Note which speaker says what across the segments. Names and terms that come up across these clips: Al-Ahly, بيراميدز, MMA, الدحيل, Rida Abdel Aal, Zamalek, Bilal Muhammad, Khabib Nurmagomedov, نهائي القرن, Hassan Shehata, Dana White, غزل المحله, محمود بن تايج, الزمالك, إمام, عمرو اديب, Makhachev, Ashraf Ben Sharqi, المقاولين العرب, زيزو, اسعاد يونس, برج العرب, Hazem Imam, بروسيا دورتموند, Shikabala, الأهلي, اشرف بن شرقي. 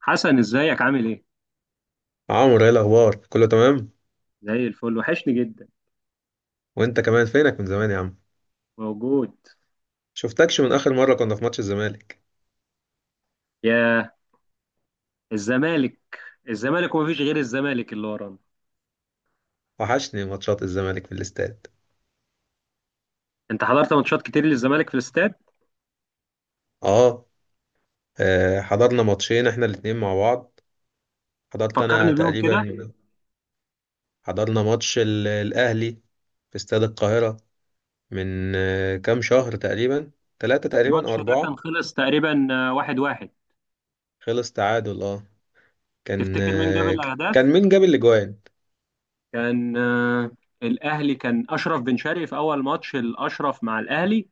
Speaker 1: حسن، ازيك؟ عامل ايه؟
Speaker 2: عمرو، ايه الاخبار؟ كله تمام.
Speaker 1: زي الفل. وحشني جدا.
Speaker 2: وانت كمان، فينك من زمان يا عم؟
Speaker 1: موجود.
Speaker 2: شفتكش من اخر مره كنا في ماتش الزمالك.
Speaker 1: يا الزمالك! الزمالك ومفيش غير الزمالك اللي ورانا.
Speaker 2: وحشني ماتشات الزمالك في الاستاد.
Speaker 1: انت حضرت ماتشات كتير للزمالك في الاستاد؟
Speaker 2: اه. حضرنا ماتشين احنا الاتنين مع بعض. حضرت
Speaker 1: فكرني
Speaker 2: انا
Speaker 1: بيهم كده.
Speaker 2: تقريبا، حضرنا ماتش الاهلي في استاد القاهره من كام شهر تقريبا، ثلاثة تقريبا او
Speaker 1: الماتش ده
Speaker 2: اربعة.
Speaker 1: كان خلص تقريبا واحد واحد.
Speaker 2: خلص تعادل اه. كان
Speaker 1: تفتكر مين جاب
Speaker 2: آه،
Speaker 1: الاهداف؟
Speaker 2: كان مين جاب الاجوان؟
Speaker 1: كان الاهلي، كان اشرف بن شرقي في اول ماتش الاشرف مع الاهلي.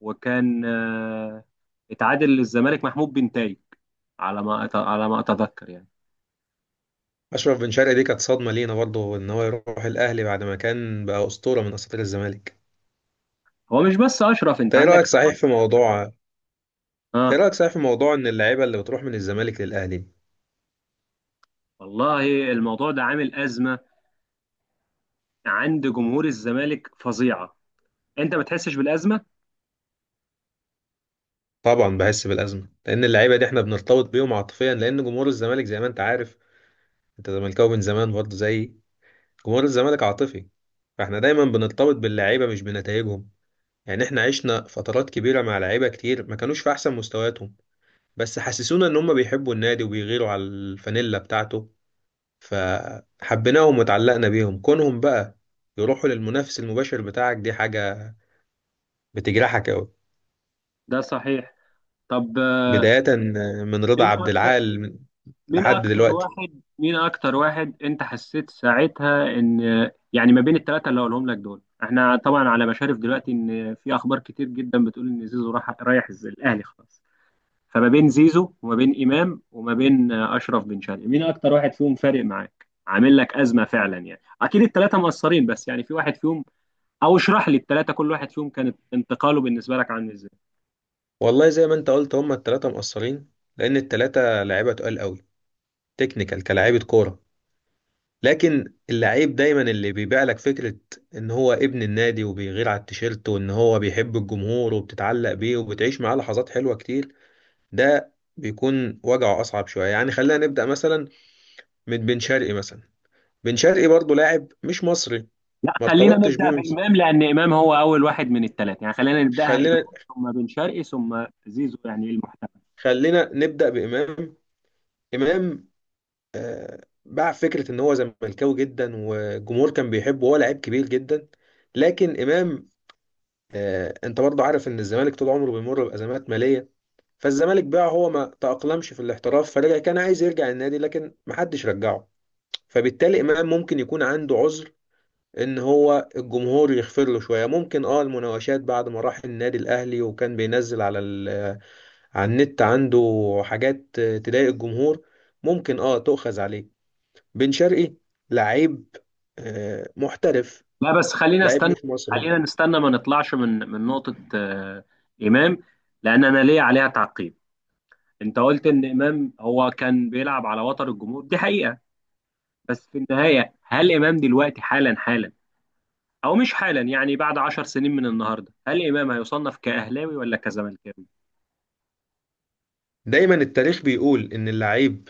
Speaker 1: وكان اتعادل للزمالك محمود بن تايج، على ما اتذكر يعني.
Speaker 2: اشرف بن شرقي دي كانت صدمه لينا برضه ان هو يروح الاهلي بعد ما كان بقى اسطوره من اساطير الزمالك.
Speaker 1: هو مش بس اشرف، انت
Speaker 2: ايه
Speaker 1: عندك.
Speaker 2: رأيك صحيح في موضوع
Speaker 1: اه.
Speaker 2: ايه رأيك صحيح في موضوع ان اللعيبة اللي بتروح من الزمالك للأهلي؟
Speaker 1: والله الموضوع ده عامل أزمة عند جمهور الزمالك فظيعة. أنت ما تحسش بالأزمة؟
Speaker 2: طبعا بحس بالأزمة، لأن اللعيبة دي احنا بنرتبط بيهم عاطفيا. لأن جمهور الزمالك زي ما انت عارف، انت زملكاوي من زمان برضه، زي، جمهور الزمالك عاطفي. فاحنا دايما بنرتبط باللعيبة مش بنتائجهم. يعني احنا عشنا فترات كبيرة مع لعيبة كتير ما كانوش في أحسن مستوياتهم، بس حسسونا ان هم بيحبوا النادي وبيغيروا على الفانيلا بتاعته، فحبيناهم وتعلقنا بيهم. كونهم بقى يروحوا للمنافس المباشر بتاعك، دي حاجة بتجرحك أوي.
Speaker 1: ده صحيح. طب
Speaker 2: بداية من رضا
Speaker 1: مين
Speaker 2: عبد
Speaker 1: أكتر
Speaker 2: العال
Speaker 1: مين
Speaker 2: لحد
Speaker 1: أكتر
Speaker 2: دلوقتي.
Speaker 1: واحد مين أكتر واحد أنت حسيت ساعتها إن يعني، ما بين الثلاثة اللي هقولهم لك دول، إحنا طبعا على مشارف دلوقتي إن في أخبار كتير جدا بتقول إن زيزو رايح الأهلي خلاص. فما بين زيزو وما بين إمام وما بين أشرف بن شرقي، مين أكتر واحد فيهم فارق معاك؟ عامل لك أزمة فعلا يعني. أكيد الثلاثة مقصرين، بس يعني في واحد فيهم، او اشرح لي الثلاثه كل واحد فيهم كانت انتقاله بالنسبه لك عامل ازاي.
Speaker 2: والله زي ما انت قلت هما التلاتة مقصرين، لأن التلاتة لعيبة تقال قوي، تكنيكال، كلاعيبة كورة. لكن اللعيب دايما اللي بيبيع لك فكرة ان هو ابن النادي وبيغير على التيشيرت وان هو بيحب الجمهور، وبتتعلق بيه وبتعيش معاه لحظات حلوة كتير، ده بيكون وجعه أصعب شوية. يعني خلينا نبدأ مثلا من بن شرقي مثلا. بن شرقي برضه لاعب مش مصري،
Speaker 1: لا،
Speaker 2: ما
Speaker 1: خلينا
Speaker 2: ارتبطتش بيه
Speaker 1: نبدا
Speaker 2: من،
Speaker 1: بامام، لان امام هو اول واحد من الثلاثه، يعني خلينا نبداها امام،
Speaker 2: خلينا
Speaker 1: ثم بن شرقي ثم زيزو، يعني المحتمل.
Speaker 2: خلينا نبدأ بإمام. إمام باع فكرة إن هو زملكاوي جدا والجمهور كان بيحبه وهو لعيب كبير جدا. لكن إمام، أنت برضه عارف إن الزمالك طول عمره بيمر بأزمات مالية، فالزمالك باعه. هو ما تأقلمش في الاحتراف فرجع، كان عايز يرجع النادي لكن محدش رجعه. فبالتالي إمام ممكن يكون عنده عذر، إن هو الجمهور يغفر له شوية. ممكن أه المناوشات بعد ما راح النادي الأهلي وكان بينزل على على النت عنده حاجات تضايق الجمهور ممكن أه تؤخذ عليه. بن شرقي لعيب، محترف،
Speaker 1: لا بس خلينا
Speaker 2: لعيب
Speaker 1: استنى،
Speaker 2: مش مصري.
Speaker 1: خلينا نستنى، ما نطلعش من نقطه امام، لان انا ليا عليها تعقيب. انت قلت ان امام هو كان بيلعب على وتر الجمهور، دي حقيقه. بس في النهايه، هل امام دلوقتي حالا حالا، او مش حالا يعني، بعد عشر سنين من النهارده هل امام هيصنف كاهلاوي ولا كزملكاوي؟
Speaker 2: دايما التاريخ بيقول ان اللعيب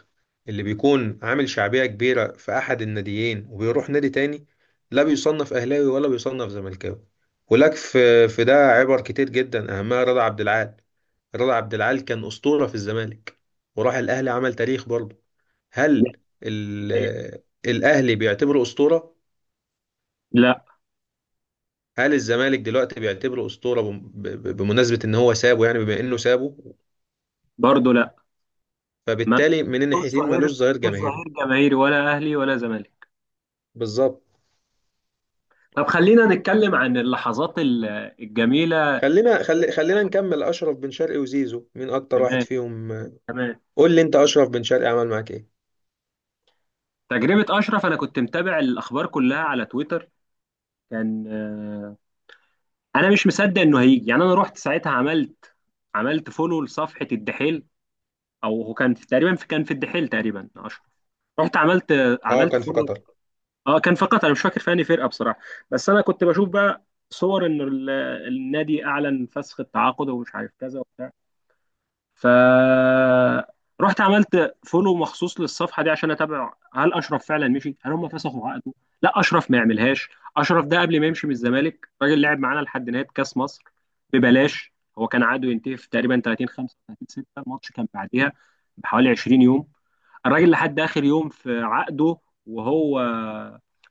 Speaker 2: اللي بيكون عامل شعبية كبيرة في احد الناديين وبيروح نادي تاني، لا بيصنف اهلاوي ولا بيصنف زملكاوي. ولك في ده عبر كتير جدا اهمها رضا عبد العال. رضا عبد العال كان اسطورة في الزمالك وراح الاهلي عمل تاريخ برضه. هل الاهلي بيعتبره اسطورة؟
Speaker 1: لا.
Speaker 2: هل الزمالك دلوقتي بيعتبره اسطوره بمناسبه ان هو سابه، يعني بما انه سابه؟
Speaker 1: برضو لا. ما
Speaker 2: فبالتالي من
Speaker 1: ملوش
Speaker 2: الناحيتين
Speaker 1: ظهير.
Speaker 2: ملوش ظهير
Speaker 1: ملوش
Speaker 2: جماهيري.
Speaker 1: ظهير جماهيري، ولا اهلي ولا زمالك.
Speaker 2: بالظبط.
Speaker 1: طب خلينا نتكلم عن اللحظات الجميله.
Speaker 2: خلينا نكمل. اشرف بن شرقي وزيزو مين اكتر واحد
Speaker 1: كمان.
Speaker 2: فيهم؟
Speaker 1: كمان.
Speaker 2: قول لي انت اشرف بن شرقي عمل معاك ايه.
Speaker 1: تجربه اشرف، انا كنت متابع الاخبار كلها على تويتر. كان انا مش مصدق انه هيجي، يعني انا رحت ساعتها عملت فولو لصفحه الدحيل، او هو كان في تقريبا، في كان في الدحيل تقريبا اشرف. رحت
Speaker 2: اه
Speaker 1: عملت
Speaker 2: كان في
Speaker 1: فولو.
Speaker 2: قطر.
Speaker 1: اه كان فقط، انا مش فاكر في انهي فرقه بصراحه، بس انا كنت بشوف بقى صور ان النادي اعلن فسخ التعاقد ومش عارف كذا وبتاع، فرحت عملت فولو مخصوص للصفحه دي عشان اتابع هل اشرف فعلا مشي، هل هم فسخوا عقده. لا، اشرف ما يعملهاش. اشرف ده قبل ما يمشي من الزمالك، راجل لعب معانا لحد نهايه كاس مصر ببلاش. هو كان عقده ينتهي في تقريبا 30 35 6، الماتش كان بعديها بحوالي 20 يوم. الراجل لحد اخر يوم في عقده. وهو،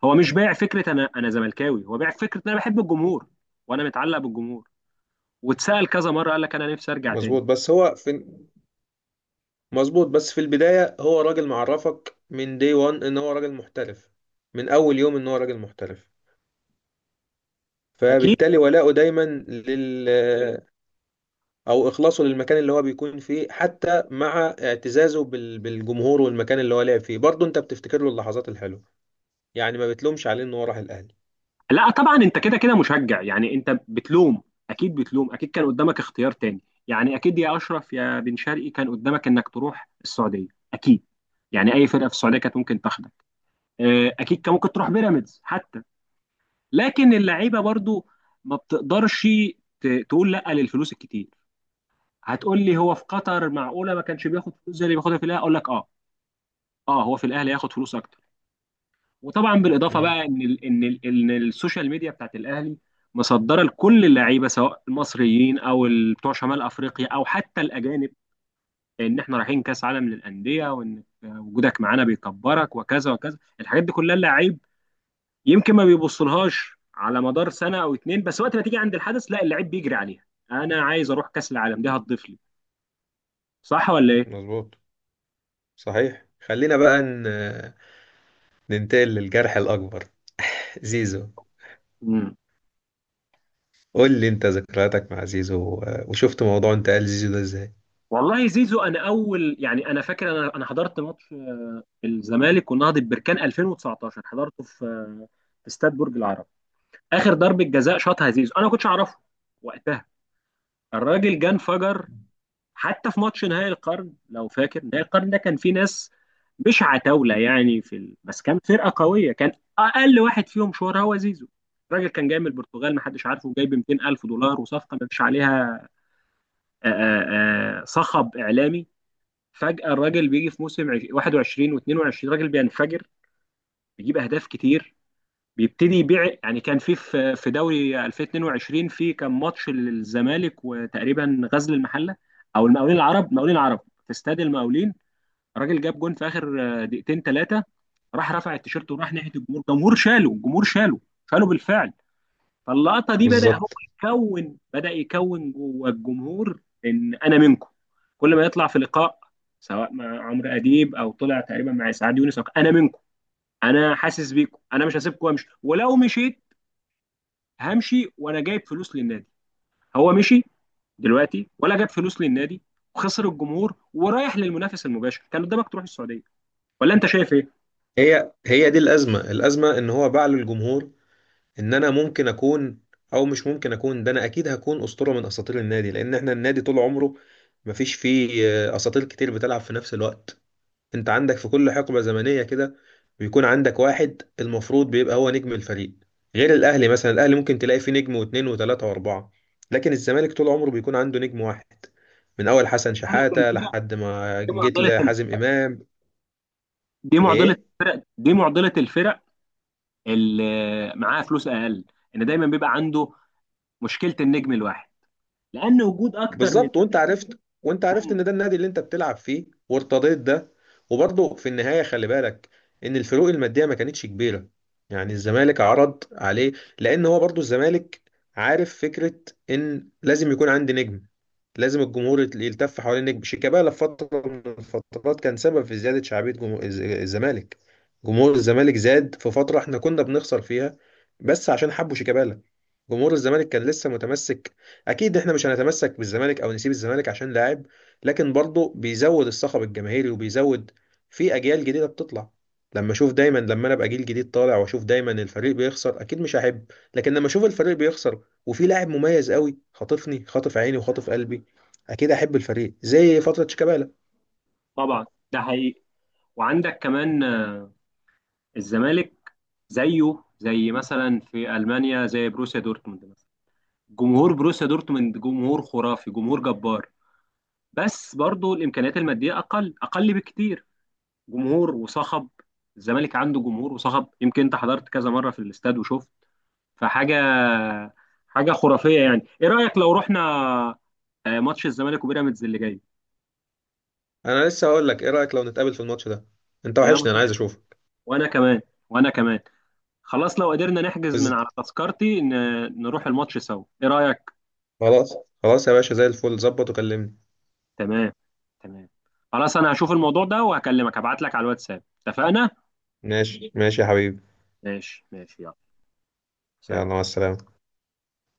Speaker 1: هو مش بايع فكره انا زملكاوي، هو بايع فكره انا بحب الجمهور وانا متعلق بالجمهور. واتسال كذا مره قال لك انا نفسي ارجع تاني.
Speaker 2: مظبوط بس هو في مظبوط بس في البدايه هو راجل معرفك من دي 1 ان هو راجل محترف. من اول يوم ان هو راجل محترف.
Speaker 1: اكيد.
Speaker 2: فبالتالي ولاؤه دايما لل، او اخلاصه للمكان اللي هو بيكون فيه. حتى مع اعتزازه بالجمهور والمكان اللي هو لعب فيه برضه انت بتفتكر له اللحظات الحلوه. يعني ما بتلومش عليه ان هو راح الاهلي.
Speaker 1: لا طبعا، انت كده كده مشجع يعني، انت بتلوم. اكيد بتلوم. اكيد كان قدامك اختيار تاني، يعني اكيد يا اشرف يا بن شرقي كان قدامك انك تروح السعوديه، اكيد. يعني اي فرقه في السعوديه كانت ممكن تاخدك. اكيد كان ممكن تروح بيراميدز حتى. لكن اللعيبه برضو ما بتقدرش تقول لا للفلوس الكتير. هتقول لي هو في قطر معقوله ما كانش بياخد فلوس زي اللي بياخدها في الاهلي؟ اقول لك اه، اه، هو في الاهلي ياخد فلوس اكتر. وطبعا بالاضافه
Speaker 2: امم
Speaker 1: بقى ان السوشيال ميديا بتاعت الاهلي مصدره لكل اللعيبه، سواء المصريين او بتوع شمال افريقيا او حتى الاجانب، ان احنا رايحين كاس عالم للانديه، وان وجودك معانا بيكبرك وكذا وكذا. الحاجات دي كلها اللعيب يمكن ما بيبصلهاش على مدار سنه او اتنين، بس وقت ما تيجي عند الحدث، لا، اللعيب بيجري عليها، انا عايز اروح كاس العالم، دي هتضيف لي. صح ولا؟
Speaker 2: مظبوط. صحيح. خلينا بقى ننتقل للجرح الاكبر. زيزو.
Speaker 1: ايه؟
Speaker 2: قول لي انت ذكرياتك مع زيزو وشفت موضوع انتقال زيزو ده ازاي.
Speaker 1: والله زيزو، انا اول، يعني انا فاكر، انا حضرت ماتش الزمالك ونهضة بركان 2019، حضرته في في استاد برج العرب. اخر ضربه جزاء شاطها زيزو، انا ما كنتش اعرفه وقتها. الراجل جه انفجر. حتى في ماتش نهائي القرن، لو فاكر نهائي القرن ده كان فيه ناس مش عتاوله يعني، بس كان فرقه قويه، كان اقل واحد فيهم شهره هو زيزو. الراجل كان جاي من البرتغال ما حدش عارفه، جايب 200 الف دولار، وصفقه ما فيش عليها صخب اعلامي. فجأة الراجل بيجي في موسم 21 و22، راجل بينفجر، بيجيب اهداف كتير، بيبتدي يبيع. يعني كان في دوري 2022، في كان ماتش للزمالك وتقريبا غزل المحله او المقاولين العرب، مقاولين العرب في استاد المقاولين، راجل جاب جون في اخر دقيقتين ثلاثه، راح رفع التيشيرت وراح ناحيه الجمهور، الجمهور شاله، الجمهور شاله، شاله بالفعل. فاللقطه دي بدا هو
Speaker 2: بالظبط.
Speaker 1: يكون، بدا يكون جوه الجمهور ان انا منكم. كل ما يطلع في لقاء، سواء مع عمرو اديب او طلع تقريبا مع اسعاد يونس، انا منكم، انا حاسس بيكم، انا مش هسيبكم وامشي، ولو مشيت همشي وانا جايب فلوس للنادي. هو مشي دلوقتي ولا جاب فلوس للنادي؟ وخسر الجمهور، ورايح للمنافس المباشر. كان قدامك تروح السعوديه، ولا انت شايف ايه؟
Speaker 2: هي هي دي الازمه. الازمه ان هو باع للجمهور ان انا ممكن اكون، او مش ممكن اكون ده، انا اكيد هكون اسطوره من اساطير النادي. لان احنا النادي طول عمره مفيش فيه اساطير كتير بتلعب في نفس الوقت. انت عندك في كل حقبه زمنيه كده بيكون عندك واحد المفروض بيبقى هو نجم الفريق. غير الاهلي مثلا، الاهلي ممكن تلاقي فيه نجم واثنين وثلاثه واربعه. لكن الزمالك طول عمره بيكون عنده نجم واحد، من اول حسن
Speaker 1: معضلة
Speaker 2: شحاته
Speaker 1: الفرق،
Speaker 2: لحد ما جيت لحازم امام.
Speaker 1: دي معضله
Speaker 2: ايه.
Speaker 1: الفرق، دي معضله الفرق، دي معضله الفرق اللي معاه فلوس اقل، ان دايما بيبقى عنده مشكله النجم الواحد، لان وجود اكتر من
Speaker 2: بالظبط. وانت عرفت
Speaker 1: نجم.
Speaker 2: ان ده النادي اللي انت بتلعب فيه وارتضيت ده. وبرضه في النهايه خلي بالك ان الفروق الماديه ما كانتش كبيره. يعني الزمالك عرض عليه. لان هو برضه الزمالك عارف فكره ان لازم يكون عندي نجم، لازم الجمهور يلتف حوالين نجم. شيكابالا في فترة من الفترات كان سبب في زيادة شعبية جمهور الزمالك. جمهور الزمالك زاد في فترة احنا كنا بنخسر فيها بس عشان حبوا شيكابالا. جمهور الزمالك كان لسه متمسك. اكيد احنا مش هنتمسك بالزمالك او نسيب الزمالك عشان لاعب، لكن برضه بيزود الصخب الجماهيري وبيزود في اجيال جديدة بتطلع. لما اشوف دايما، لما انا ابقى جيل جديد طالع واشوف دايما الفريق بيخسر اكيد مش هحب. لكن لما اشوف الفريق بيخسر وفي لاعب مميز قوي خاطفني، خاطف عيني وخاطف قلبي، اكيد احب الفريق زي فتره شيكابالا.
Speaker 1: طبعا ده حقيقي. وعندك كمان الزمالك زيه زي مثلا في المانيا، زي بروسيا دورتموند مثلا. جمهور بروسيا دورتموند جمهور خرافي، جمهور جبار، بس برضو الامكانيات الماديه اقل اقل بكتير. جمهور وصخب. الزمالك عنده جمهور وصخب، يمكن انت حضرت كذا مره في الاستاد وشفت، فحاجه، حاجه خرافيه يعني. ايه رايك لو رحنا ماتش الزمالك وبيراميدز اللي جاي؟
Speaker 2: انا لسه هقول لك ايه رايك لو نتقابل في الماتش ده؟ انت
Speaker 1: يا
Speaker 2: وحشني، انا عايز
Speaker 1: مسهل.
Speaker 2: اشوفك.
Speaker 1: وانا كمان. وانا كمان. خلاص، لو قدرنا نحجز من
Speaker 2: بز...
Speaker 1: على تذكرتي نروح الماتش سوا، ايه رايك؟
Speaker 2: خلاص. خلاص يا باشا، زي الفل. ظبط وكلمني.
Speaker 1: تمام. تمام. خلاص انا هشوف الموضوع ده وهكلمك، هبعت لك على الواتساب، اتفقنا؟
Speaker 2: ماشي ماشي يا حبيبي.
Speaker 1: ماشي ماشي، يلا.
Speaker 2: يلا مع
Speaker 1: سلام.
Speaker 2: السلامه.